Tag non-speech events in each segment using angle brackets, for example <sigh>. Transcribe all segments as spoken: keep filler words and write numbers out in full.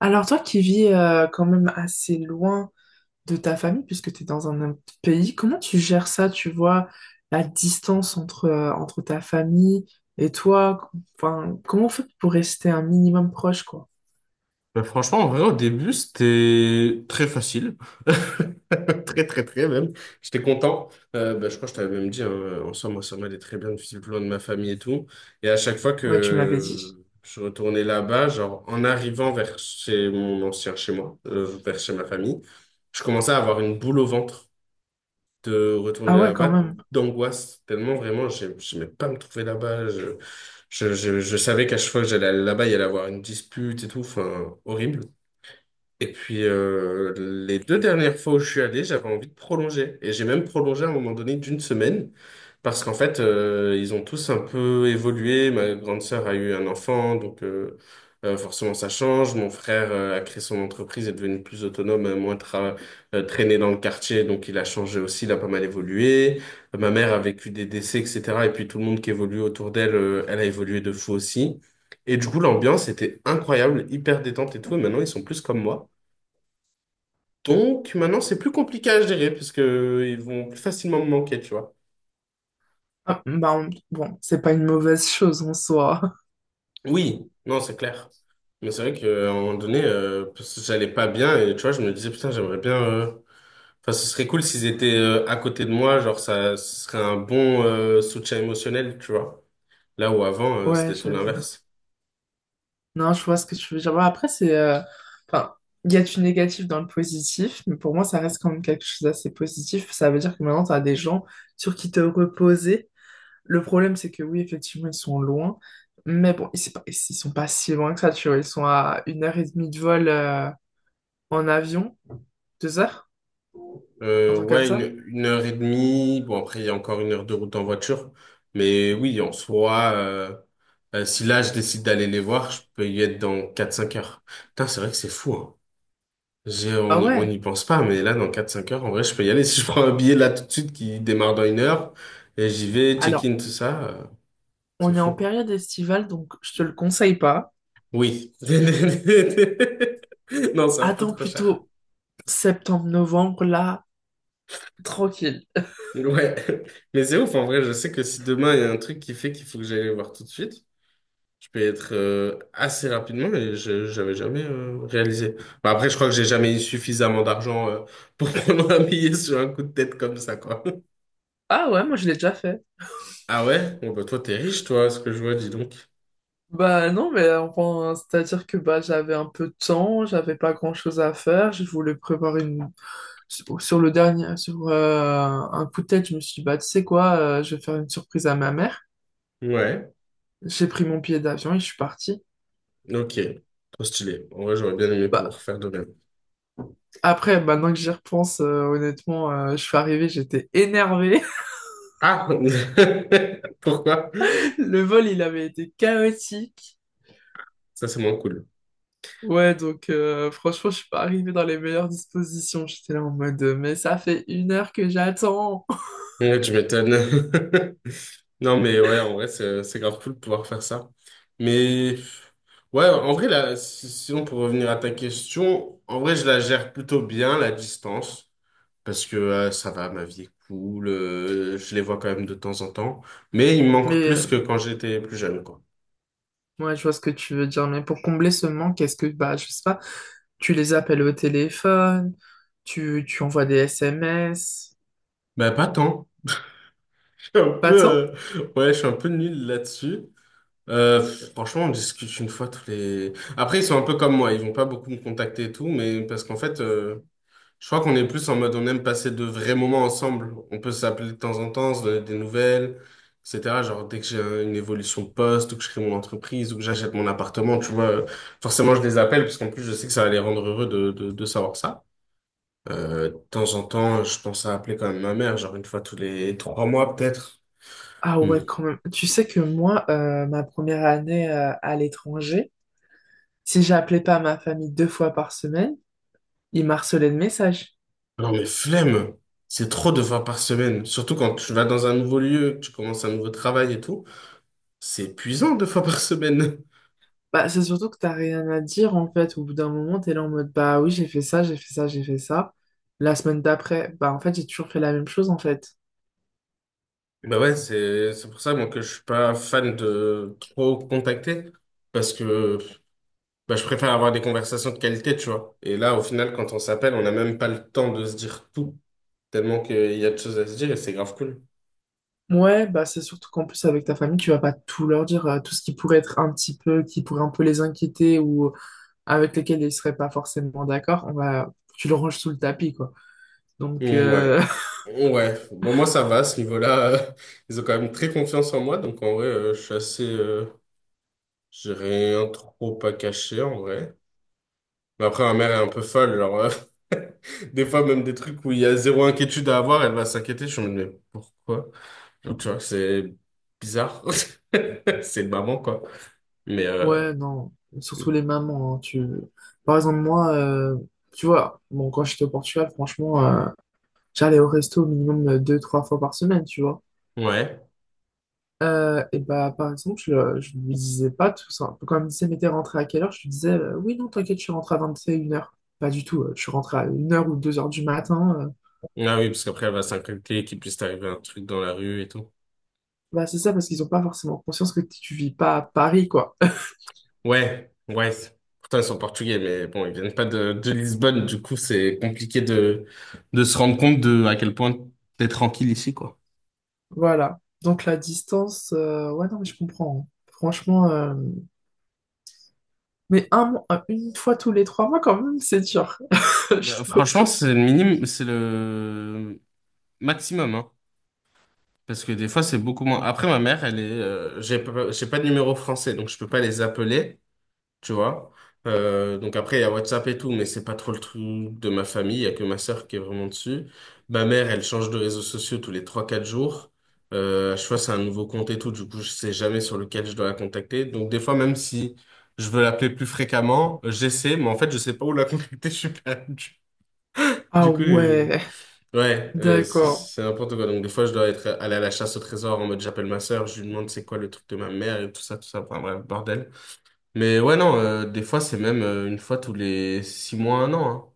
Alors toi qui vis euh, quand même assez loin de ta famille, puisque tu es dans un autre pays, comment tu gères ça, tu vois, la distance entre, euh, entre ta famille et toi? Enfin, comment on fait pour rester un minimum proche, quoi? Bah, franchement, en vrai, au début, c'était très facile. <laughs> Très, très, très même. J'étais content. Euh, bah, je crois que je t'avais même dit, hein, euh, en soi, moi ça m'allait très bien, depuis le plan de ma famille et tout. Et à chaque fois Ouais, tu me l'avais dit. que je retournais là-bas, genre, en arrivant vers chez mon ancien chez moi, euh, vers chez ma famille, je commençais à avoir une boule au ventre de retourner Ah ouais, quand là-bas, même. d'angoisse. Tellement, vraiment, j'ai- j'aimais pas me trouver là-bas. Je, je, je, je savais qu'à chaque fois que j'allais là-bas, il y allait avoir une dispute et tout. Enfin, horrible. Et puis, euh, les deux dernières fois où je suis allé, j'avais envie de prolonger. Et j'ai même prolongé à un moment donné d'une semaine. Parce qu'en fait, euh, ils ont tous un peu évolué. Ma grande sœur a eu un enfant, donc euh, euh, forcément ça change. Mon frère euh, a créé son entreprise, est devenu plus autonome, euh, moins tra- euh, traîné dans le quartier, donc il a changé aussi, il a pas mal évolué. Euh, ma mère a vécu des décès, et cetera. Et puis tout le monde qui évolue autour d'elle, euh, elle a évolué de fou aussi. Et du coup, l'ambiance était incroyable, hyper détente et tout. Et maintenant, ils sont plus comme moi. Donc maintenant, c'est plus compliqué à gérer parce que ils vont plus facilement me manquer, tu vois. Ah, bah, on- bon, c'est pas une mauvaise chose en soi. Oui, non, c'est clair. Mais c'est vrai qu'à un moment donné, euh, parce que j'allais pas bien et tu vois, je me disais, putain, j'aimerais bien... euh, Enfin, ce serait cool s'ils étaient euh, à côté de moi, genre ça ce serait un bon euh, soutien émotionnel, tu vois. Là où avant, <laughs> euh, Ouais, c'était tout j'avoue. l'inverse. Non, je vois ce que tu veux dire. Bon, après, c'est. Euh, Enfin, il y a du négatif dans le positif, mais pour moi, ça reste quand même quelque chose d'assez positif. Ça veut dire que maintenant, tu as des gens sur qui te reposer. Le problème, c'est que oui, effectivement, ils sont loin, mais bon, ils, c'est pas- ils sont pas si loin que ça, tu vois. Ils sont à une heure et demie de vol euh, en avion, deux heures, un Euh, truc comme Ouais, ça. une, une heure et demie. Bon, après, il y a encore une heure de route en voiture. Mais oui, en soi, euh, euh, si là, je décide d'aller les voir, je peux y être dans quatre cinq heures. Putain, c'est vrai que c'est fou, hein. J'ai, Ah on, y- On ouais. n'y pense pas, mais là, dans quatre cinq heures, en vrai, je peux y aller. <laughs> Si je prends un billet là tout de suite qui démarre dans une heure, et j'y vais, Alors, check-in, tout ça, euh, c'est on est en fou. période estivale, donc je te le conseille pas. Oui. <laughs> Non, c'est un peu Attends trop cher. plutôt septembre-novembre, là, tranquille. Ouais. <laughs> Mais c'est ouf, en vrai, je sais que si demain, il y a un truc qui fait qu'il faut que j'aille les voir tout de suite. Je peux être euh, assez rapidement, mais je j'avais jamais euh, réalisé. Bah, après, je crois que j'ai jamais eu suffisamment d'argent euh, pour <laughs> prendre un billet sur un coup de tête comme ça, quoi. Ah ouais, moi, je l'ai déjà fait. Ah ouais? Bon, bah, toi, t'es riche, toi, à ce que je vois, dis donc. Bah non, mais euh, enfin, c'est-à-dire que bah, j'avais un peu de temps, j'avais pas grand-chose à faire, je voulais prévoir une. Sur sur le dernier, sur euh, un coup de tête, je me suis dit, bah tu sais quoi, euh, je vais faire une surprise à ma mère. Ouais, J'ai pris mon billet d'avion et je suis parti. ok. Trop stylé. En vrai, j'aurais bien aimé Bah, pouvoir faire de même. après, maintenant que j'y repense, euh, honnêtement, euh, je suis arrivé, j'étais énervé. Ah! <laughs> Pourquoi? <laughs> Le vol, il avait été chaotique. Ça, c'est moins cool. Ouais, donc euh, franchement, je suis pas arrivé dans les meilleures dispositions. J'étais là en mode, mais ça fait une heure que j'attends. Ouais, tu m'étonnes. <laughs> Non, mais ouais, en vrai, c'est c'est grave cool de pouvoir faire ça. Mais ouais, en vrai, là, si- sinon, pour revenir à ta question, en vrai, je la gère plutôt bien, la distance, parce que euh, ça va, ma vie est cool, euh, je les vois quand même de temps en temps, mais il me manque Mais plus que quand j'étais plus jeune, quoi. ouais, je vois ce que tu veux dire, mais pour combler ce manque, est-ce que, bah, je sais pas, tu les appelles au téléphone, tu, tu envoies des S M S, Bah, pas tant. Je suis un pas peu, tant? euh, ouais, je suis un peu nul là-dessus. Euh, Franchement, on discute une fois tous les... Après, ils sont un peu comme moi, ils vont pas beaucoup me contacter et tout, mais parce qu'en fait... euh, Je crois qu'on est plus en mode on aime passer de vrais moments ensemble. On peut s'appeler de temps en temps, se donner des nouvelles, et cetera. Genre dès que j'ai un- une évolution de poste ou que je crée mon entreprise ou que j'achète mon appartement, tu vois, euh, forcément je les appelle parce qu'en plus je sais que ça va les rendre heureux de, de, de savoir ça. Euh, de temps en temps, je pense à appeler quand même ma mère, genre une fois tous les trois mois peut-être. Ah Hmm. ouais, quand même. Tu sais que moi, euh, ma première année, euh, à l'étranger, si j'appelais pas ma famille deux fois par semaine, ils m'harcelaient de messages. Non mais flemme, c'est trop de fois par semaine. Surtout quand tu vas dans un nouveau lieu, que tu commences un nouveau travail et tout, c'est épuisant deux fois par semaine. Bah, c'est surtout que t'as rien à dire, en fait. Au bout d'un moment, t'es là en mode, bah oui, j'ai fait ça, j'ai fait ça, j'ai fait ça. La semaine d'après, bah en fait, j'ai toujours fait la même chose, en fait. Bah ouais, c'est c'est pour ça moi que je suis pas fan de trop contacter parce que bah, je préfère avoir des conversations de qualité, tu vois. Et là, au final, quand on s'appelle, on n'a même pas le temps de se dire tout tellement qu'il y a de choses à se dire et c'est grave cool. Ouais, bah c'est surtout qu'en plus avec ta famille, tu vas pas tout leur dire, euh, tout ce qui pourrait être un petit peu, qui pourrait un peu les inquiéter ou euh, avec lesquels ils seraient pas forcément d'accord, on va, tu le ranges sous le tapis, quoi. Donc Mm, euh, <laughs> ouais, ouais. Bon, moi ça va à ce niveau-là. euh, <laughs> Ils ont quand même très confiance en moi, donc en vrai, euh, je suis assez, euh, j'ai rien trop à cacher en vrai. Mais après, ma mère est un peu folle, genre euh, <laughs> des fois même des trucs où il y a zéro inquiétude à avoir, elle va s'inquiéter. Je me dis mais pourquoi? Donc, tu vois, c'est bizarre. <laughs> C'est une maman, quoi. Mais, euh, ouais, non, surtout les mamans, hein, tu, par exemple moi, euh, tu vois, bon quand j'étais au Portugal, franchement, euh, j'allais au resto au minimum euh, deux, trois fois par semaine, tu vois. ouais. Euh, et bah, par exemple, je, le- je lui disais pas tout ça. Quand elle me disait, mais t'es rentré à quelle heure? Je lui disais, euh, oui, non, t'inquiète, je suis rentré à vingt et une heures. Pas du tout, euh, je suis rentré à une heure ou deux heures du matin. euh. Ah oui, parce qu'après, elle va s'inquiéter qu'il puisse t'arriver un truc dans la rue et tout. Bah, c'est ça, parce qu'ils ont pas forcément conscience que t- tu vis pas à Paris, quoi. <laughs> Ouais, ouais. Pourtant, ils sont portugais, mais bon, ils viennent pas de, de Lisbonne. Du coup, c'est compliqué de, de se rendre compte de à quel point t'es tranquille ici, quoi. Voilà. Donc, la distance, euh, ouais, non, mais je comprends, hein. Franchement, euh, mais un, mois- euh, une fois tous les trois mois, quand même, c'est dur. <laughs> Bah, Je franchement, trouve. c'est le minimum, c'est le maximum, hein. Parce que des fois, c'est beaucoup moins. Après, ma mère, elle est, euh, j'ai pas, j'ai pas de numéro français, donc je peux pas les appeler. Tu vois. Euh, donc après, il y a WhatsApp et tout, mais c'est pas trop le truc de ma famille. Il y a que ma sœur qui est vraiment dessus. Ma mère, elle change de réseaux sociaux tous les trois quatre jours. Euh, à chaque fois, c'est un nouveau compte et tout. Du coup, je sais jamais sur lequel je dois la contacter. Donc des fois, même si je veux l'appeler plus fréquemment, euh, j'essaie, mais en fait, je sais pas où la contacter. <laughs> Je suis perdu. Ah Du coup, euh, ouais, ouais, euh, c'est d'accord. c'est n'importe quoi. Donc des fois, je dois être allé à la chasse au trésor en mode j'appelle ma sœur, je lui demande c'est quoi le truc de ma mère et tout ça, tout ça. Enfin bref, bordel. Mais ouais, non, euh, des fois, c'est même euh, une fois tous les six mois, un an.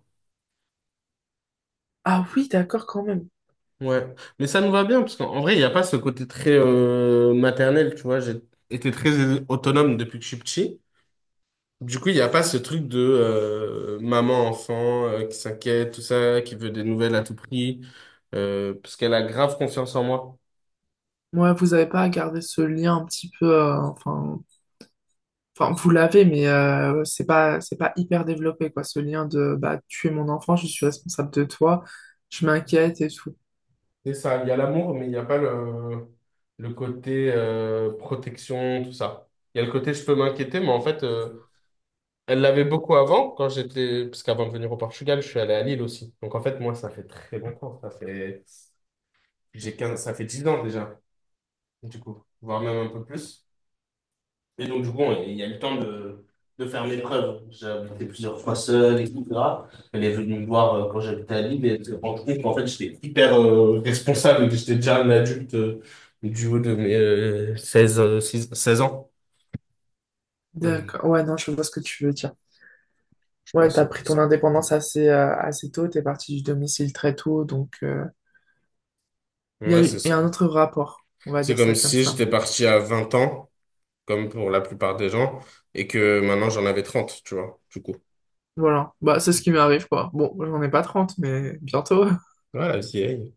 Ah oui, d'accord, quand même. Hein. Ouais. Mais ça nous va bien, parce qu'en en vrai, il n'y a pas ce côté très euh, maternel, tu vois. J'ai été très autonome depuis que je suis petit. Du coup, il n'y a pas ce truc de euh, maman-enfant euh, qui s'inquiète, tout ça, qui veut des nouvelles à tout prix, euh, parce qu'elle a grave confiance en moi. Ouais, vous avez pas à garder ce lien un petit peu, euh, enfin. Enfin, vous l'avez, mais euh, ouais, c'est pas, c'est pas hyper développé, quoi, ce lien de bah, tu es mon enfant, je suis responsable de toi, je m'inquiète et tout. C'est ça, il y a l'amour, mais il n'y a pas le, le côté euh, protection, tout ça. Il y a le côté je peux m'inquiéter, mais en fait... euh, Elle l'avait beaucoup avant, quand j'étais, parce qu'avant de venir au Portugal, je suis allé à Lille aussi. Donc en fait, moi, ça fait très longtemps. Ça fait, j'ai quinze, ça fait dix ans déjà, du coup, voire même un peu plus. Et donc, du coup, on- il y a eu le temps de, de faire mes preuves. J'ai habité plusieurs fois seul, et cetera. Elle est venue me voir euh, quand j'habitais à Lille et elle s'est rendue compte qu'en fait, j'étais hyper euh, responsable que j'étais déjà un adulte euh, du haut de mes euh, seize euh, six seize ans. Euh, D'accord. Ouais, non, je vois ce que tu veux dire. Je Ouais, pense que t'as c'est pris pour ton ça. indépendance assez, euh, assez tôt, t'es parti du domicile très tôt, donc euh, il y a Ouais, c'est eu, il y ça. a un autre rapport, on va C'est dire comme ça comme si ça. j'étais parti à vingt ans, comme pour la plupart des gens, et que maintenant j'en avais trente, tu vois, du coup. Voilà, bah c'est ce qui m'arrive, quoi. Bon, j'en ai pas trente, mais bientôt. Voilà, vieille.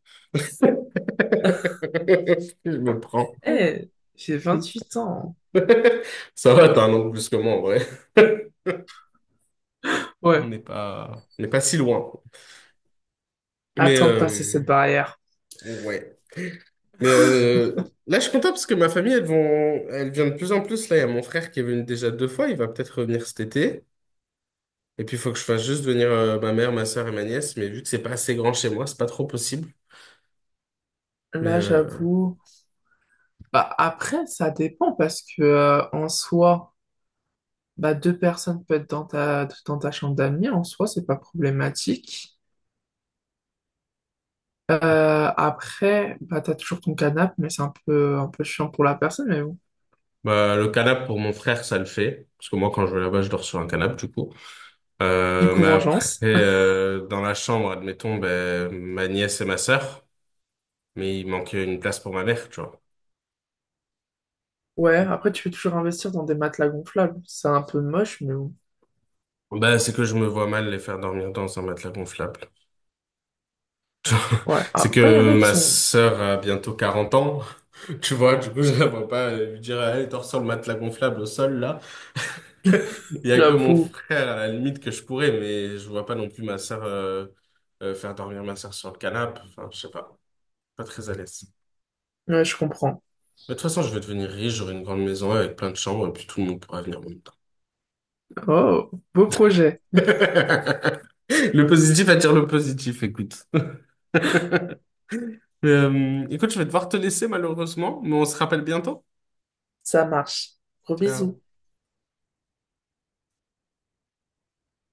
<laughs> <laughs> Je me prends. Eh, j'ai vingt-huit ans. <laughs> Ça va, t'as un an de plus que moi, en vrai. On Ouais, n'est pas, on n'est pas si loin. Mais, attends de passer cette euh, barrière. ouais. Mais euh, là, je suis content parce que ma famille, elles vont, elle vient de plus en plus. Là, il y a mon frère qui est venu déjà deux fois. Il va peut-être revenir cet été. Et puis, il faut que je fasse juste venir euh, ma mère, ma soeur et ma nièce. Mais vu que c'est pas assez grand chez moi, c'est pas trop possible. Mais, Là, euh, j'avoue. Bah, après, ça dépend parce que euh, en soi, bah, deux personnes peuvent être dans ta, dans ta chambre d'amis. En soi, c'est pas problématique. Euh, après, bah, t'as toujours ton canapé, mais c'est un peu, un peu chiant pour la personne. Mais bon. Bah, le canap pour mon frère, ça le fait. Parce que moi, quand je vais là-bas, je dors sur un canap du coup. Du Euh, coup, Mais après, vengeance. <laughs> euh, dans la chambre, admettons, ben, ma nièce et ma sœur, mais il manquait une place pour ma mère, tu vois. Ouais, après, tu peux toujours investir dans des matelas gonflables. C'est un peu moche, mais bon. Bah, c'est que je me vois mal les faire dormir dans un matelas gonflable. Ouais, C'est après, il y en que a qui ma sont, sœur a bientôt quarante ans. <laughs> Tu vois, du coup, je la vois pas euh, lui dire, allez, dors sur le matelas gonflable au sol, là. <laughs> Il y a que mon j'avoue. frère, à la limite, que je pourrais, mais je vois pas non plus ma sœur, euh, euh, faire dormir ma sœur sur le canapé. Enfin, je sais pas. Pas très à l'aise. Ouais, je comprends. Mais de toute façon, je vais devenir riche, j'aurai une grande maison avec plein de chambres et puis tout le monde pourra venir en même temps. Oh, beau projet. <laughs> Le positif attire le positif, écoute. <laughs> Euh, écoute, je vais devoir te laisser malheureusement, mais on se rappelle bientôt. Ça marche. Gros Ciao. bisous.